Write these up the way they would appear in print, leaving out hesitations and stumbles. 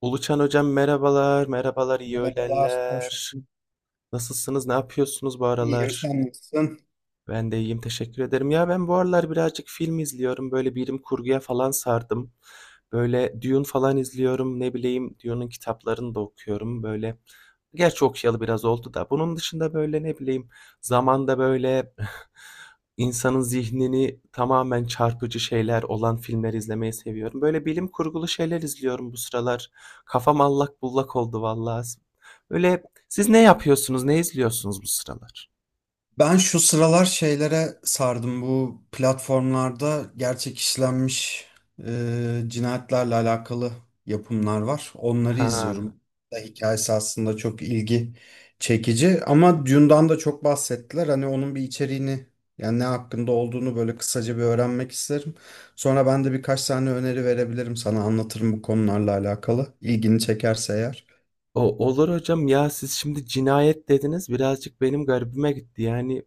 Uluçan hocam, merhabalar, merhabalar, iyi Merhabalar, hoş öğlenler. bulduk. Nasılsınız, ne yapıyorsunuz bu İyiyim, aralar? sen nasılsın? Ben de iyiyim, teşekkür ederim. Ben bu aralar birazcık film izliyorum. Böyle bilim kurguya falan sardım. Böyle Dune falan izliyorum. Ne bileyim, Dune'un kitaplarını da okuyorum. Böyle gerçi okuyalı biraz oldu da. Bunun dışında böyle ne bileyim zamanda böyle insanın zihnini tamamen çarpıcı şeyler olan filmler izlemeyi seviyorum. Böyle bilim kurgulu şeyler izliyorum bu sıralar. Kafam allak bullak oldu vallahi. Böyle siz ne yapıyorsunuz? Ne izliyorsunuz bu sıralar? Ben şu sıralar şeylere sardım. Bu platformlarda gerçek işlenmiş cinayetlerle alakalı yapımlar var. Onları Ha. izliyorum. Da hikayesi aslında çok ilgi çekici. Ama Dune'dan da çok bahsettiler. Hani onun bir içeriğini yani ne hakkında olduğunu böyle kısaca bir öğrenmek isterim. Sonra ben de birkaç tane öneri verebilirim sana. Anlatırım bu konularla alakalı. İlgini çekerse eğer. O, olur hocam. Siz şimdi cinayet dediniz, birazcık benim garibime gitti. Yani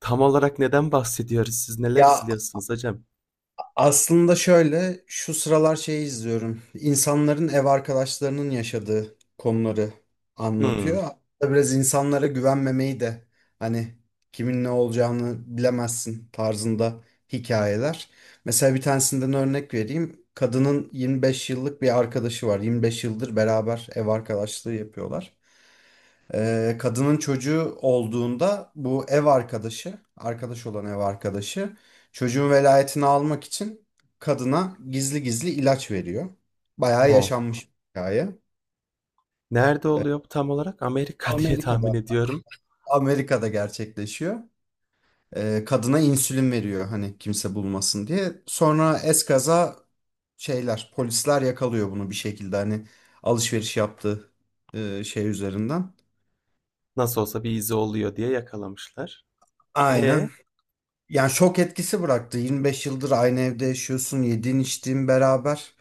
tam olarak neden bahsediyoruz? Siz neler Ya, izliyorsunuz hocam? aslında şöyle, şu sıralar şeyi izliyorum. İnsanların ev arkadaşlarının yaşadığı konuları Hmm. anlatıyor. Aslında biraz insanlara güvenmemeyi de hani kimin ne olacağını bilemezsin tarzında hikayeler. Mesela bir tanesinden örnek vereyim. Kadının 25 yıllık bir arkadaşı var. 25 yıldır beraber ev arkadaşlığı yapıyorlar. Kadının çocuğu olduğunda bu ev arkadaşı, arkadaş olan ev arkadaşı çocuğun velayetini almak için kadına gizli gizli ilaç veriyor. Bayağı Oh. yaşanmış bir hikaye. Nerede Ee, oluyor bu tam olarak? Amerika, diye tahmin Amerika'da, ediyorum. Amerika'da gerçekleşiyor. Kadına insülin veriyor hani kimse bulmasın diye. Sonra eskaza şeyler, polisler yakalıyor bunu bir şekilde hani alışveriş yaptığı şey üzerinden. Nasıl olsa bir izi oluyor diye yakalamışlar. E Aynen. Yani şok etkisi bıraktı. 25 yıldır aynı evde yaşıyorsun, yediğin içtiğin beraber.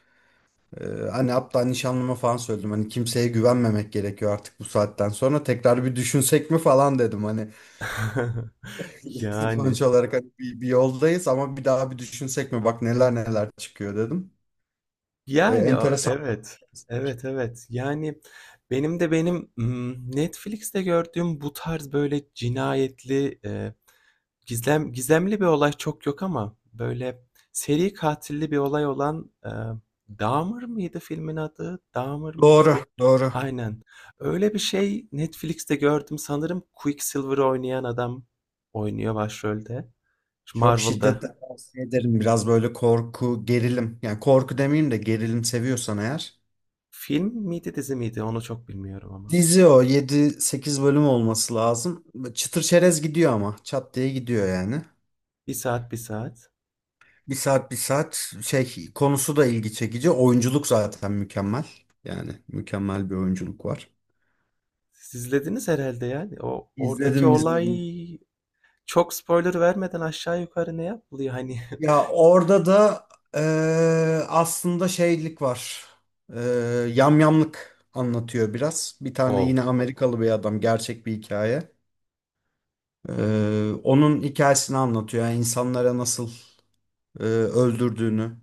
Ee, hani hatta nişanlıma falan söyledim. Hani kimseye güvenmemek gerekiyor artık bu saatten sonra. Tekrar bir düşünsek mi falan dedim. Hani yani, sonuç olarak hani bir yoldayız ama bir daha bir düşünsek mi? Bak neler neler çıkıyor dedim. Yani, a, Enteresan. evet. Evet, evet. Yani, benim Netflix'te gördüğüm bu tarz böyle cinayetli, gizlem gizemli bir olay çok yok, ama böyle seri katilli bir olay olan, Dahmer mıydı filmin adı? Dahmer mıydı Doğru, bu? doğru. Aynen. Öyle bir şey Netflix'te gördüm. Sanırım Quicksilver oynayan adam oynuyor başrolde. Şu Çok Marvel'da. şiddetle tavsiye ederim. Biraz böyle korku, gerilim. Yani korku demeyeyim de gerilim seviyorsan eğer. Film miydi, dizi miydi? Onu çok bilmiyorum ama. Dizi o yedi sekiz bölüm olması lazım. Çıtır çerez gidiyor ama çat diye gidiyor yani. Bir saat, bir saat. Bir saat bir saat şey konusu da ilgi çekici. Oyunculuk zaten mükemmel. Yani mükemmel bir oyunculuk var. Siz izlediniz herhâlde yani. O oradaki İzledim olay, izledim. çok spoiler vermeden, aşağı yukarı ne yapılıyor hani? Ya orada da aslında şeylik var. Eee yamyamlık anlatıyor biraz. Bir tane O, yine Amerikalı bir adam gerçek bir hikaye. Onun hikayesini anlatıyor. Yani insanlara nasıl öldürdüğünü,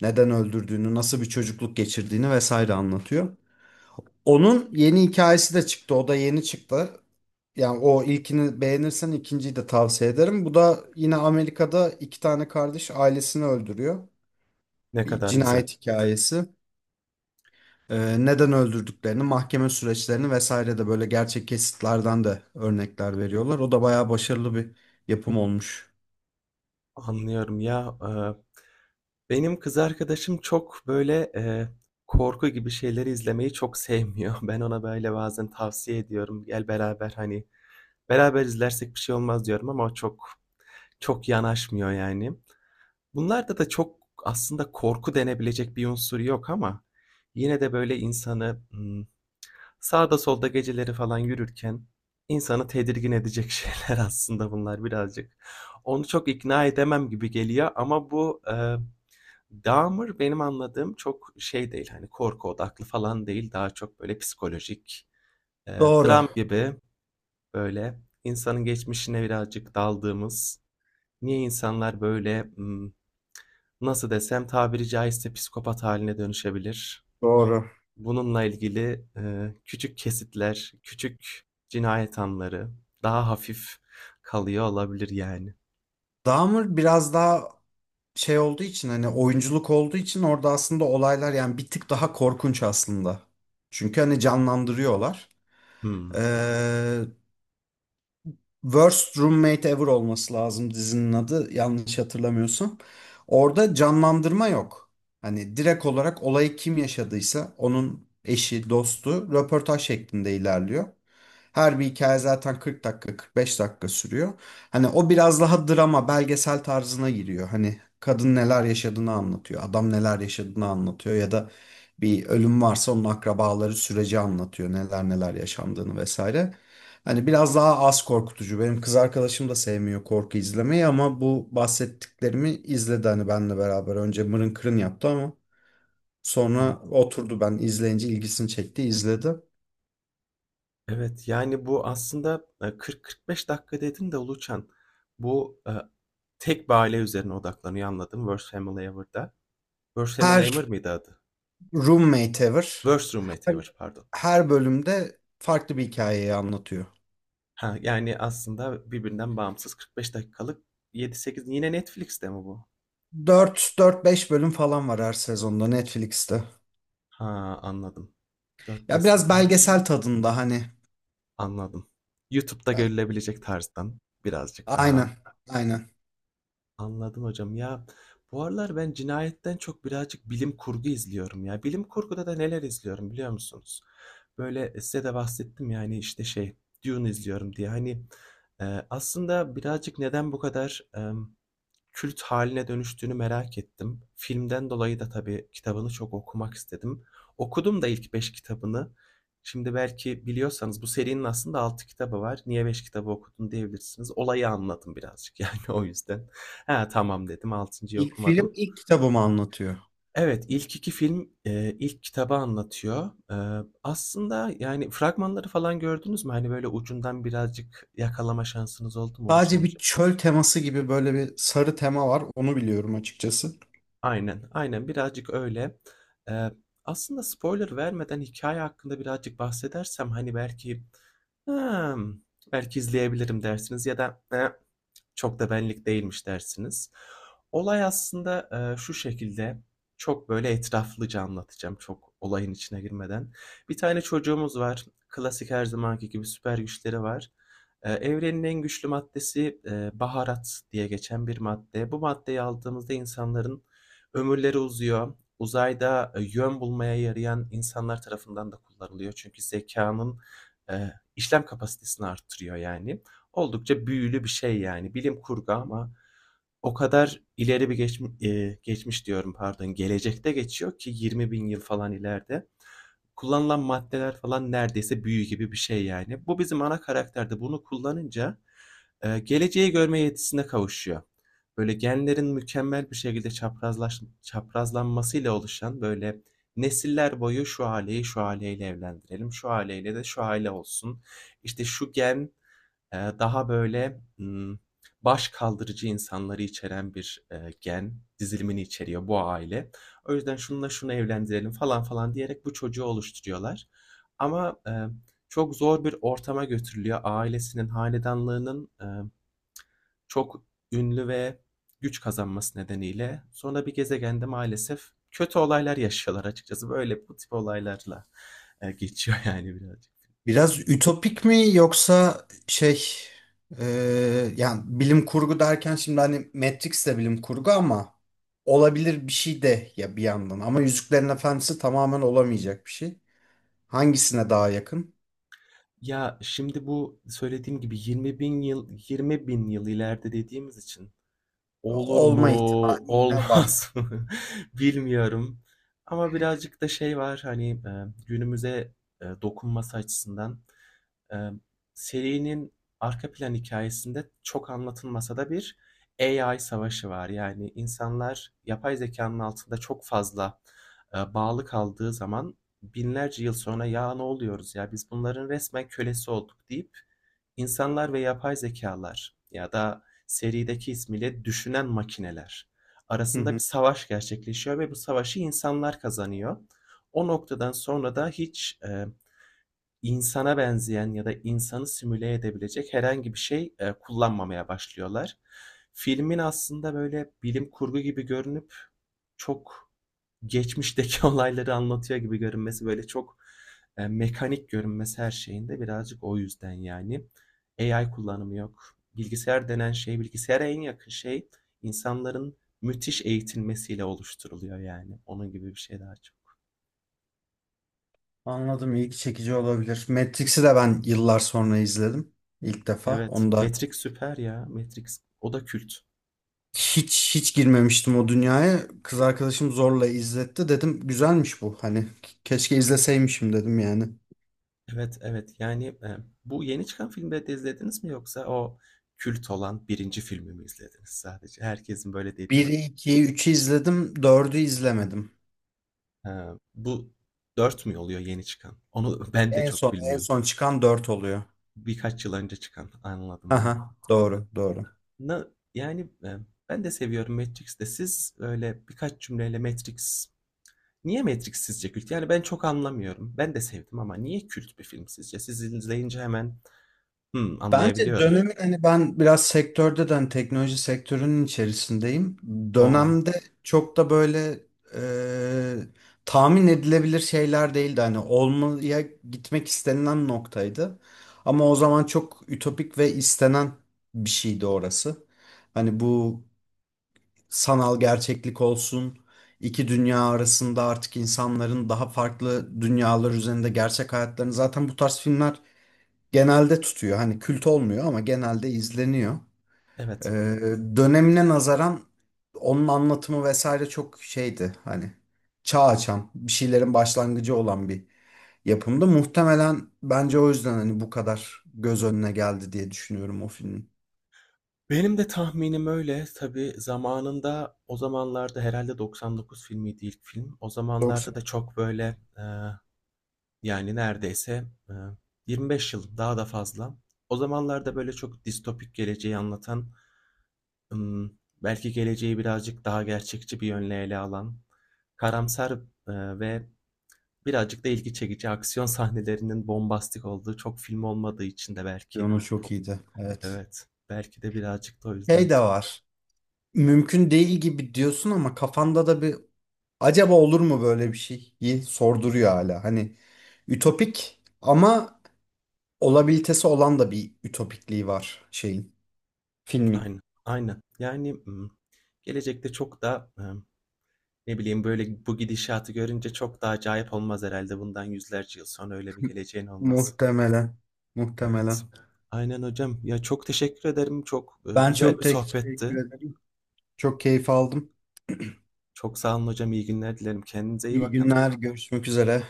neden öldürdüğünü, nasıl bir çocukluk geçirdiğini vesaire anlatıyor. Onun yeni hikayesi de çıktı. O da yeni çıktı. Yani o ilkini beğenirsen ikinciyi de tavsiye ederim. Bu da yine Amerika'da iki tane kardeş ailesini öldürüyor. ne Bir kadar güzel. cinayet hikayesi. Neden öldürdüklerini, mahkeme süreçlerini vesaire de böyle gerçek kesitlerden de örnekler veriyorlar. O da bayağı başarılı bir yapım olmuş. Anlıyorum ya. Benim kız arkadaşım çok böyle, korku gibi şeyleri izlemeyi çok sevmiyor. Ben ona böyle bazen tavsiye ediyorum. Gel beraber, hani beraber izlersek bir şey olmaz diyorum, ama o çok yanaşmıyor yani. Bunlarda da çok aslında korku denebilecek bir unsur yok, ama yine de böyle insanı, sağda solda geceleri falan yürürken insanı tedirgin edecek şeyler aslında bunlar birazcık. Onu çok ikna edemem gibi geliyor, ama bu, Dahmer, benim anladığım, çok şey değil, hani, korku odaklı falan değil, daha çok böyle psikolojik, Doğru. dram gibi, böyle insanın geçmişine birazcık daldığımız, niye insanlar böyle, nasıl desem, tabiri caizse psikopat haline dönüşebilir. Doğru. Bununla ilgili, küçük kesitler, küçük cinayet anları, daha hafif kalıyor olabilir yani. Dahmer biraz daha şey olduğu için hani oyunculuk olduğu için orada aslında olaylar yani bir tık daha korkunç aslında. Çünkü hani canlandırıyorlar. Hımm. Ee, Worst Roommate Ever olması lazım dizinin adı yanlış hatırlamıyorsam. Orada canlandırma yok. Hani direkt olarak olayı kim yaşadıysa onun eşi, dostu röportaj şeklinde ilerliyor. Her bir hikaye zaten 40 dakika, 45 dakika sürüyor. Hani o biraz daha drama, belgesel tarzına giriyor. Hani kadın neler yaşadığını anlatıyor, adam neler yaşadığını anlatıyor ya da bir ölüm varsa onun akrabaları süreci anlatıyor, neler neler yaşandığını vesaire. Hani biraz daha az korkutucu. Benim kız arkadaşım da sevmiyor korku izlemeyi ama bu bahsettiklerimi izledi hani benle beraber. Önce mırın kırın yaptı ama Evet. sonra oturdu ben izleyince ilgisini çekti izledi. Evet, yani, bu aslında, 40-45 dakika dedin de Uluçan, bu, tek bir aile üzerine odaklanıyor, anladım, Worst Family Ever'da. Worst Family Her Ever mıydı adı? roommate ever Worst Roommate her, Ever, pardon. her bölümde farklı bir hikayeyi anlatıyor. Ha, yani, aslında birbirinden bağımsız 45 dakikalık 7-8. Yine Netflix'te mi bu? Dört dört beş bölüm falan var her sezonda Netflix'te. Ha, anladım. 4-5 Ya biraz sezon, belgesel tadında hani. anladım. YouTube'da görülebilecek tarzdan birazcık Aynen. daha. Aynen. Anladım hocam. Bu aralar ben cinayetten çok birazcık bilim kurgu izliyorum ya. Bilim kurguda da neler izliyorum biliyor musunuz? Böyle size de bahsettim, yani işte, şey, Dune izliyorum diye. Hani aslında birazcık neden bu kadar kült haline dönüştüğünü merak ettim. Filmden dolayı da tabii kitabını çok okumak istedim. Okudum da ilk 5 kitabını. Şimdi belki biliyorsanız, bu serinin aslında 6 kitabı var. Niye 5 kitabı okudun diyebilirsiniz. Olayı anladım birazcık yani, o yüzden. Ha, tamam dedim. Altıncı'yı İlk okumadım. film ilk kitabımı anlatıyor. Evet, ilk 2 film, ilk kitabı anlatıyor. Aslında, yani, fragmanları falan gördünüz mü? Hani böyle ucundan birazcık yakalama şansınız oldu mu Oluşan Sadece bir hocam? çöl teması gibi böyle bir sarı tema var. Onu biliyorum açıkçası. Aynen, aynen, birazcık öyle. Eee, aslında spoiler vermeden hikaye hakkında birazcık bahsedersem, hani, belki, hımm, belki izleyebilirim dersiniz ya da "Eh, çok da benlik değilmiş." dersiniz. Olay aslında, şu şekilde, çok böyle etraflıca anlatacağım, çok olayın içine girmeden. Bir tane çocuğumuz var. Klasik, her zamanki gibi süper güçleri var. Evrenin en güçlü maddesi, baharat diye geçen bir madde. Bu maddeyi aldığımızda insanların ömürleri uzuyor. Uzayda, yön bulmaya yarayan insanlar tarafından da kullanılıyor. Çünkü zekanın işlem kapasitesini arttırıyor yani. Oldukça büyülü bir şey yani. Bilim kurgu, ama o kadar ileri bir geçmiş diyorum, pardon, gelecekte geçiyor ki 20.000 yıl falan ileride. Kullanılan maddeler falan neredeyse büyü gibi bir şey yani. Bu bizim ana karakterde bunu kullanınca, geleceği görme yetisine kavuşuyor. Böyle genlerin mükemmel bir şekilde çaprazlanmasıyla oluşan, böyle nesiller boyu, şu aileyi şu aileyle evlendirelim, şu aileyle de şu aile olsun. İşte şu gen, daha böyle, baş kaldırıcı insanları içeren bir gen dizilimini içeriyor bu aile. O yüzden şununla şunu evlendirelim falan falan diyerek bu çocuğu oluşturuyorlar. Ama çok zor bir ortama götürülüyor. Ailesinin, hanedanlığının, çok ünlü ve güç kazanması nedeniyle, sonra bir gezegende maalesef kötü olaylar yaşıyorlar açıkçası. Böyle bu tip olaylarla, geçiyor yani birazcık. Biraz ütopik mi yoksa şey e, yani bilim kurgu derken şimdi hani Matrix de bilim kurgu ama olabilir bir şey de ya bir yandan. Ama Yüzüklerin Efendisi tamamen olamayacak bir şey. Hangisine daha yakın? Ya, şimdi bu söylediğim gibi 20.000 yıl 20.000 yıl ileride dediğimiz için olur mu, Olma ihtimali yine var. olmaz mı bilmiyorum, ama birazcık da şey var, hani, günümüze dokunması açısından. Ee, serinin arka plan hikayesinde çok anlatılmasa da bir AI savaşı var. Yani insanlar yapay zekanın altında çok fazla bağlı kaldığı zaman, binlerce yıl sonra, ya ne oluyoruz, ya biz bunların resmen kölesi olduk deyip, insanlar ve yapay zekalar ya da serideki ismiyle düşünen makineler Hı arasında bir hı. savaş gerçekleşiyor ve bu savaşı insanlar kazanıyor. O noktadan sonra da hiç insana benzeyen ya da insanı simüle edebilecek herhangi bir şey, kullanmamaya başlıyorlar. Filmin aslında böyle bilim kurgu gibi görünüp, çok geçmişteki olayları anlatıyor gibi görünmesi, böyle çok, mekanik görünmesi her şeyinde, birazcık o yüzden yani. AI kullanımı yok. Bilgisayar denen şey, bilgisayara en yakın şey, insanların müthiş eğitilmesiyle oluşturuluyor yani. Onun gibi bir şey daha çok. Anladım, ilgi çekici olabilir. Matrix'i de ben yıllar sonra izledim. İlk defa. Evet. Onu da Matrix süper ya. Matrix. O da kült. hiç hiç girmemiştim o dünyaya. Kız arkadaşım zorla izletti. Dedim güzelmiş bu. Hani keşke izleseymişim dedim yani. Evet, evet. Yani, bu yeni çıkan filmleri de izlediniz mi, yoksa o kült olan birinci filmi mi izlediniz sadece? Herkesin böyle dediği. 1'i, 2'yi, 3'ü izledim. Dördü izlemedim. Eee, bu 4 mü oluyor yeni çıkan? Onu ben de En çok son en bilmiyorum. son çıkan 4 oluyor. Birkaç yıl önce çıkan. Anladım, anladım. Aha, doğru, doğru. Na, yani, ben de seviyorum Matrix'i. Siz öyle birkaç cümleyle Matrix, niye Matrix sizce kült? Yani ben çok anlamıyorum. Ben de sevdim, ama niye kült bir film sizce? Siz izleyince hemen, Bence anlayabiliyorum. dönemin hani ben biraz sektörde de hani teknoloji sektörünün içerisindeyim. O, Dönemde çok da böyle tahmin edilebilir şeyler değildi. Hani olmaya gitmek istenilen noktaydı. Ama o zaman çok ütopik ve istenen bir şeydi orası. Hani bu sanal gerçeklik olsun, iki dünya arasında artık insanların daha farklı dünyalar üzerinde gerçek hayatlarını zaten bu tarz filmler genelde tutuyor. Hani kült olmuyor ama genelde izleniyor. Ee, evet. dönemine nazaran onun anlatımı vesaire çok şeydi. Hani çağ açan, bir şeylerin başlangıcı olan bir yapımdı. Muhtemelen bence o yüzden hani bu kadar göz önüne geldi diye düşünüyorum o filmin. Benim de tahminim öyle. Tabii zamanında, o zamanlarda herhâlde 99 filmiydi ilk film. O zamanlarda Doksan. da çok böyle, yani neredeyse, 25 yıl, daha da fazla. O zamanlarda böyle çok distopik geleceği anlatan, ımm, belki geleceği birazcık daha gerçekçi bir yönle ele alan, karamsar, ve birazcık da ilgi çekici aksiyon sahnelerinin bombastik olduğu çok film olmadığı için de, belki Piyano po... çok iyiydi. Evet. Evet, belki de birazcık da o yüzden. Şey de var. Mümkün değil gibi diyorsun ama kafanda da bir acaba olur mu böyle bir şey? Yi sorduruyor hala. Hani ütopik ama olabilitesi olan da bir ütopikliği var şeyin, filmin. Aynen, aynen. Yani, gelecekte çok da, ne bileyim, böyle, bu gidişatı görünce çok da acayip olmaz herhalde. Bundan yüzlerce yıl sonra öyle bir geleceğin olmaz. Muhtemelen. Evet. Muhtemelen. Aynen hocam. Ya, çok teşekkür ederim. Çok Ben güzel çok bir teşekkür sohbetti. ederim. Çok keyif aldım. Çok sağ olun hocam. İyi günler dilerim. Kendinize iyi İyi bakın. günler, görüşmek üzere.